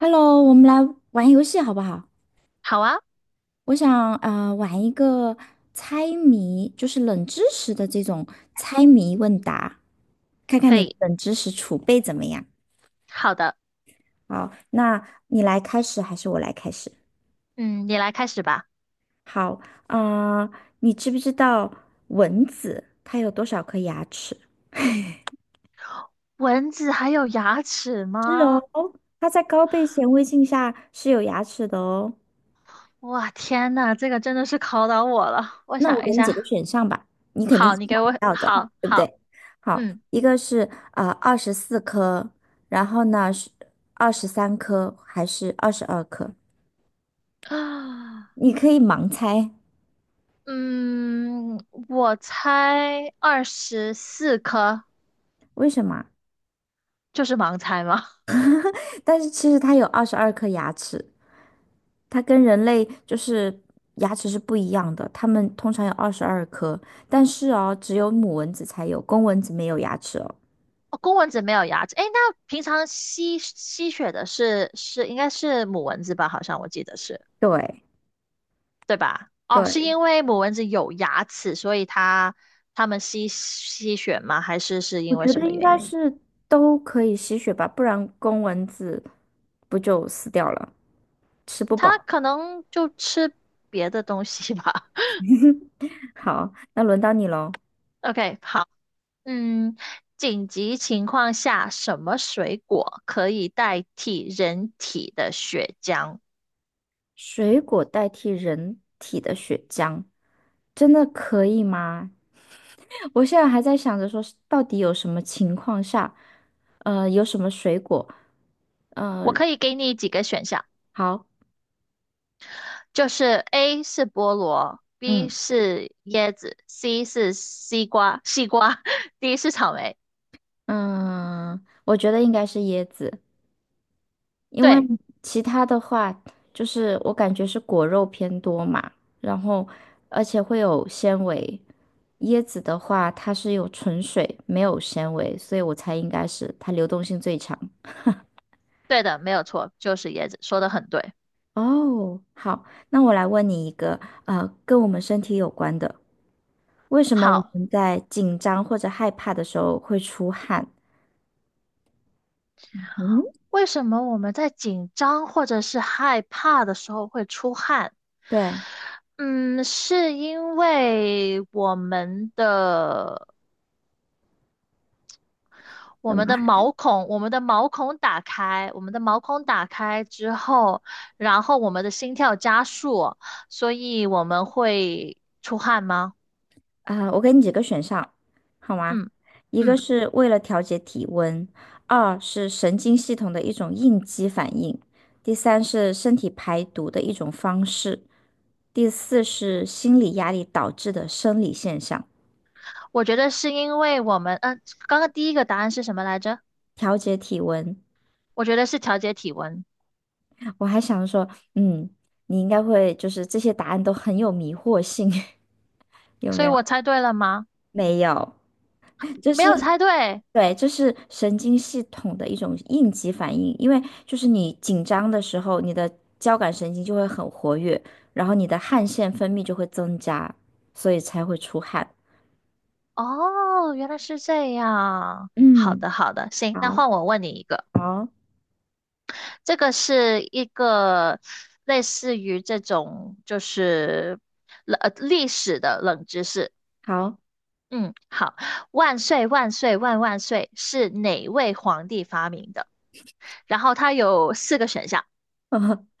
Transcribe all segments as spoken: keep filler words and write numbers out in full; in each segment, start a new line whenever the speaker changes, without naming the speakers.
Hello，我们来玩游戏好不好？
好啊，
我想呃玩一个猜谜，就是冷知识的这种猜谜问答，看看
可
你的
以，
冷知识储备怎么样。
好的，
好，那你来开始还是我来开始？
嗯，你来开始吧。
好，呃，你知不知道蚊子它有多少颗牙齿？
蚊子还有牙齿
是哦，
吗？
它在高倍显微镜下是有牙齿的哦。
哇，天呐，这个真的是考倒我了。我
那我
想
给
一
你几个
下，
选项吧，你肯定是
好，你给
想不
我，
到的，
好
对不
好，
对？好，
嗯，
一个是呃二十四颗，然后呢是二十三颗还是二十二颗？
啊，
你可以盲猜，
嗯，我猜二十四颗，
为什么？
就是盲猜吗？
但是其实它有二十二颗牙齿，它跟人类就是牙齿是不一样的，它们通常有二十二颗，但是哦，只有母蚊子才有，公蚊子没有牙齿哦。
哦，公蚊子没有牙齿，诶，那平常吸吸血的是是应该是母蚊子吧？好像我记得是。
对。
对吧？哦，是
对，
因为母蚊子有牙齿，所以它它们吸吸血吗？还是是
我
因为
觉得
什么
应
原
该
因？
是都可以吸血吧，不然公蚊子不就死掉了，吃不
它
饱。
可能就吃别的东西吧。
好，那轮到你喽。
OK，好，嗯，紧急情况下，什么水果可以代替人体的血浆？
水果代替人体的血浆，真的可以吗？我现在还在想着说是到底有什么情况下，呃，有什么水果，呃，
我可以给你几个选项，
好，
就是 A 是菠萝，B
嗯
是椰子，C 是西瓜，西瓜 ，D 是草莓。
嗯，我觉得应该是椰子。因为
对，
其他的话，就是我感觉是果肉偏多嘛，然后而且会有纤维。椰子的话，它是有纯水，没有纤维，所以我猜应该是它流动性最强。
对的，没有错，就是椰子，说的很对。
哦，好，那我来问你一个，呃，跟我们身体有关的，为什么我
好，
们在紧张或者害怕的时候会出汗？嗯，
为什么我们在紧张或者是害怕的时候会出汗？
对，
嗯，是因为我们的我
怎
们
么？
的毛孔，我们的毛孔打开，我们的毛孔打开之后，然后我们的心跳加速，所以我们会出汗吗？
啊，我给你几个选项，好吗？
嗯
一个
嗯，
是为了调节体温，二是神经系统的一种应激反应，第三是身体排毒的一种方式，第四是心理压力导致的生理现象。
我觉得是因为我们，嗯、刚刚第一个答案是什么来着？
调节体温，
我觉得是调节体温。
我还想说，嗯，你应该会就是这些答案都很有迷惑性，有
所
没
以
有？
我猜对了吗？
没有。这
没
是
有猜对。
对，这是神经系统的一种应急反应，因为就是你紧张的时候，你的交感神经就会很活跃，然后你的汗腺分泌就会增加，所以才会出汗。
哦，原来是这样。好
嗯，
的，好的，行，那
好，
换我问你一个，
好，
这个是一个类似于这种就是冷呃历史的冷知识。
好，
嗯，好，万岁万岁万万岁是哪位皇帝发明的？然后它有四个选项。
呃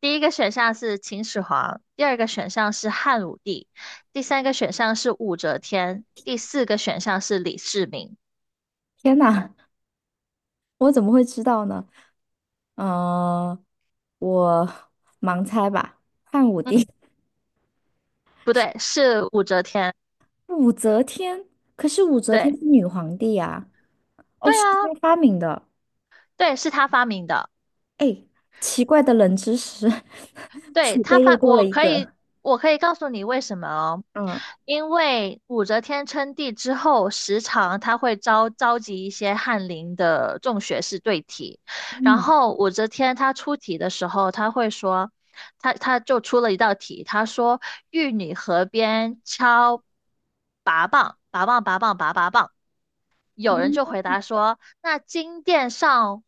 第一个选项是秦始皇，第二个选项是汉武帝，第三个选项是武则天，第四个选项是李世民。
天哪，我怎么会知道呢？嗯、我盲猜吧，汉武帝，
嗯，不对，是武则天。
武则天，可是武则天
对，
是女皇帝呀、哦，
对
是
啊，
她发明的。
对，是他发明的。
哎，奇怪的冷知识，
对，
储
他
备又
发，
多了
我
一
可以，
个。
我可以告诉你为什么哦，
嗯
因为武则天称帝之后，时常他会召召集一些翰林的众学士对题，然
嗯
后武则天她出题的时候，她会说，她她就出了一道题，她说玉女河边敲拔棒，拔棒拔棒拔拔棒。有人就回答说：“那金殿上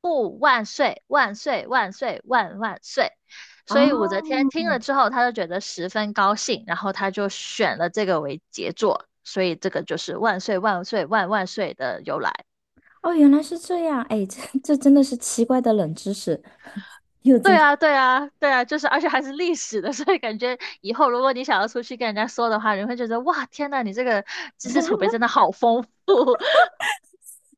护万岁，万岁，万岁，万万岁。”
啊
所以武则天听
哦
了之后，她就觉得十分高兴，然后她就选了这个为杰作，所以这个就是“万岁，万岁，万万岁”的由来。
哦，原来是这样。哎，这这真的是奇怪的冷知识，又增
对
加。
啊，对啊，对啊，就是而且还是历史的，所以感觉以后如果你想要出去跟人家说的话，你会觉得哇，天呐，你这个知识储备真的好丰富。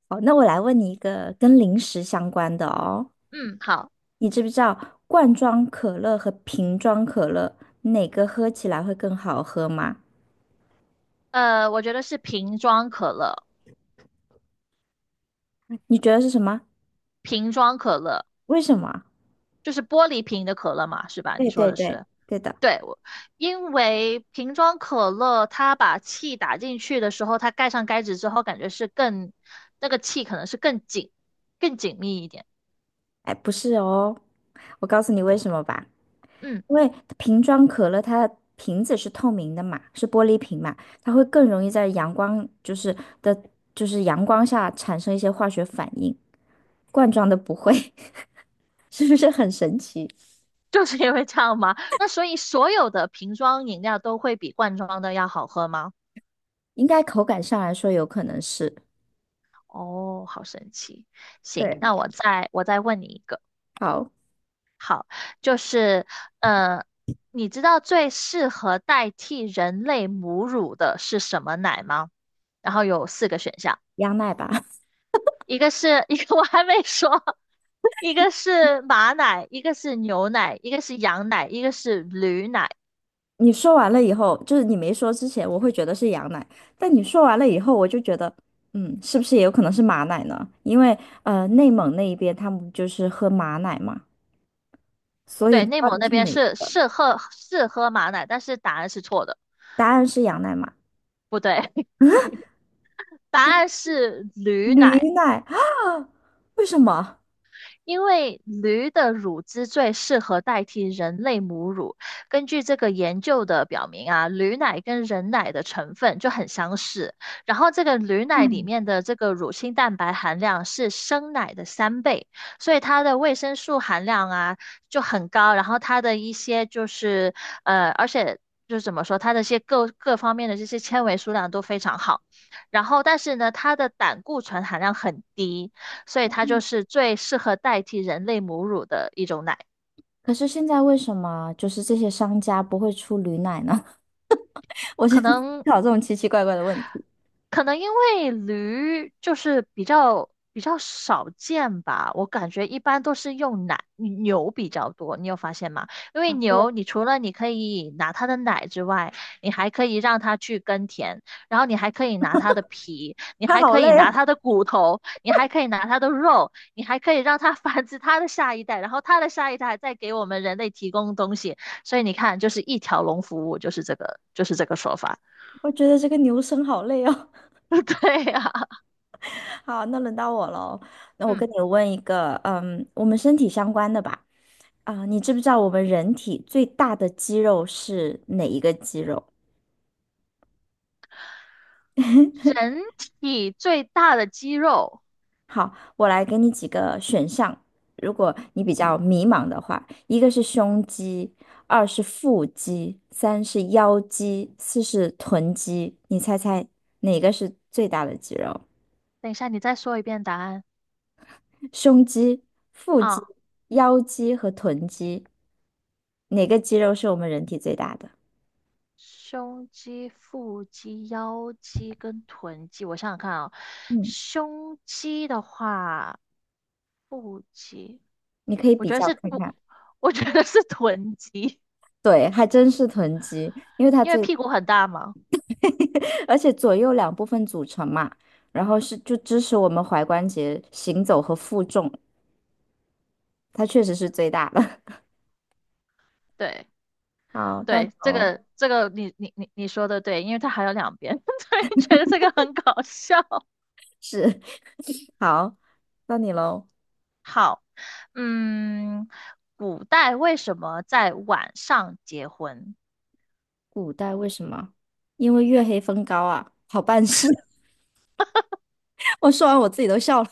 好，那我来问你一个跟零食相关的哦。
嗯，好，
你知不知道罐装可乐和瓶装可乐哪个喝起来会更好喝吗？
呃，我觉得是瓶装可乐，
你觉得是什么？
瓶装可乐。
为什么？
就是玻璃瓶的可乐嘛，是吧？你
对
说
对
的
对，
是，
对的。
因为瓶装可乐它把气打进去的时候，它盖上盖子之后，感觉是更，那个气可能是更紧、更紧密一点。
哎，不是哦，我告诉你为什么吧。
嗯，
因为瓶装可乐它的瓶子是透明的嘛，是玻璃瓶嘛，它会更容易在阳光就是的，就是阳光下产生一些化学反应，罐装的不会，是不是很神奇？
就是因为这样吗？那所以所有的瓶装饮料都会比罐装的要好喝吗？
应该口感上来说有可能是，
哦，好神奇。行，
对，
那我再我再问你一个，
好，
就是呃，你知道最适合代替人类母乳的是什么奶吗？然后有四个选项，
羊奶吧。
一个是 一个我还没说，一个是马奶，一个是牛奶，一个是羊奶，一个是驴奶。
你说完了以后，就是你没说之前，我会觉得是羊奶，但你说完了以后，我就觉得，嗯，是不是也有可能是马奶呢？因为呃，内蒙那一边他们就是喝马奶嘛，所以
对，内
到
蒙那
底是
边
哪？
是是喝是喝马奶，但是答案是错的，
答案是羊奶吗？
不对，答案是驴
驴
奶。
奶啊？为什么？
因为驴的乳汁最适合代替人类母乳。根据这个研究的表明啊，驴奶跟人奶的成分就很相似，然后这个驴奶里
嗯，
面的这个乳清蛋白含量是生奶的三倍，所以它的维生素含量啊就很高，然后它的一些就是呃，而且。就是怎么说，它的一些各各方面的这些纤维数量都非常好，然后但是呢，它的胆固醇含量很低，所以它就是最适合代替人类母乳的一种奶。
可是现在为什么就是这些商家不会出驴奶呢？我现
可
在思
能
考这种奇奇怪怪的问题，
可能因为驴就是比较比较少见吧，我感觉一般都是用奶，牛比较多，你有发现吗？因为牛，你除了你可以拿它的奶之外，你还可以让它去耕田，然后你还可以拿它的皮，你
他
还
好
可以
累哦，
拿它的骨头，你还可以拿它的肉，你还可以让它 繁殖它的下一代，然后它的下一代再给我们人类提供东西，所以你看，就是一条龙服务，就是这个，就是这个说法，
我觉得这个牛生好累哦。
对呀、
好，那轮到我喽。那 我
嗯。
跟你问一个，嗯，我们身体相关的吧。啊、你知不知道我们人体最大的肌肉是哪一个肌肉？
人体最大的肌肉，
好，我来给你几个选项，如果你比较迷茫的话，一个是胸肌，二是腹肌，三是腰肌，四是臀肌，你猜猜哪个是最大的肌肉？
等一下，你再说一遍答案
胸肌、腹
啊。
肌、腰肌和臀肌，哪个肌肉是我们人体最大的？
胸肌、腹肌、腰肌跟臀肌，我想想看啊、
嗯，
胸肌的话，腹肌，
你可以
我
比
觉得
较
是
看
不，
看。
我觉得是臀肌，
对，还真是臀肌，因为它
因为
最
屁股很大嘛。
而且左右两部分组成嘛，然后是就支持我们踝关节行走和负重，它确实是最大的。
对
好，到你
对，这
喽，
个这个你你你你说的对，因为它还有两边，对，觉得这个很搞笑。
是，好，到你喽。
好，嗯，古代为什么在晚上结婚？
古代为什么？因为月黑风高啊，好办事。我说完我自己都笑了。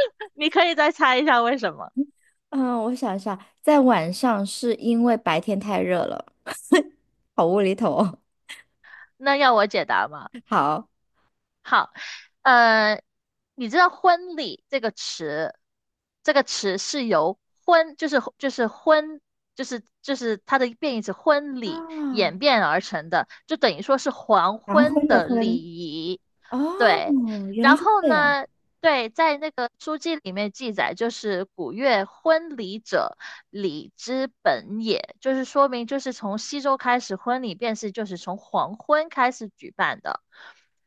你可以再猜一下为什么？
嗯，我想一下，在晚上是因为白天太热了，好无厘头哦。
那要我解答吗？
好，
好，呃，你知道“婚礼”这个词，这个词是由“婚”就是就是“婚”就是就是它的变义词“婚礼”
啊，
演变而成的，就等于说是黄
黄
昏
昏的
的礼
昏，
仪。对，
哦，原来
然
是
后
这样。
呢，对，在那个书籍里面记载，就是古月婚礼者，礼之本也，就是说明就是从西周开始，婚礼便是就是从黄昏开始举办的。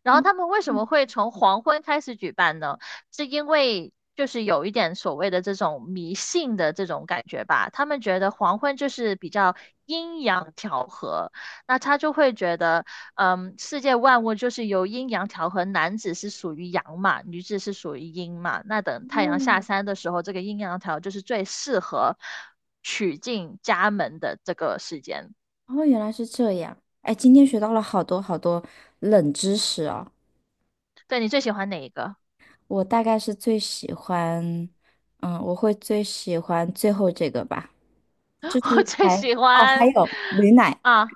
然后
哦
他们为什
嗯，
么会从黄昏开始举办呢？是因为就是有一点所谓的这种迷信的这种感觉吧。他们觉得黄昏就是比较阴阳调和，那他就会觉得，嗯，世界万物就是由阴阳调和，男子是属于阳嘛，女子是属于阴嘛。那等太阳下
哦，
山的时候，这个阴阳调就是最适合娶进家门的这个时间。
哦，原来是这样。哎，今天学到了好多好多冷知识哦。
对你最喜欢哪一个？
我大概是最喜欢，嗯，我会最喜欢最后这个吧，就 是
我最
还
喜
哦，还
欢
有驴奶，
啊。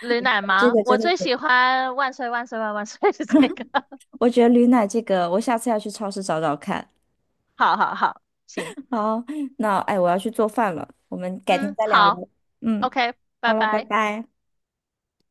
驴奶
这
吗？
个真
我
的
最
是，
喜欢万岁万岁万万岁 是这个。
我觉得驴奶这个，我下次要去超市找找看。
好好好，行，
好，那哎，我要去做饭了，我们改天
嗯，
再聊
好
喽。嗯，
，OK，
好
拜
了，拜
拜。
拜。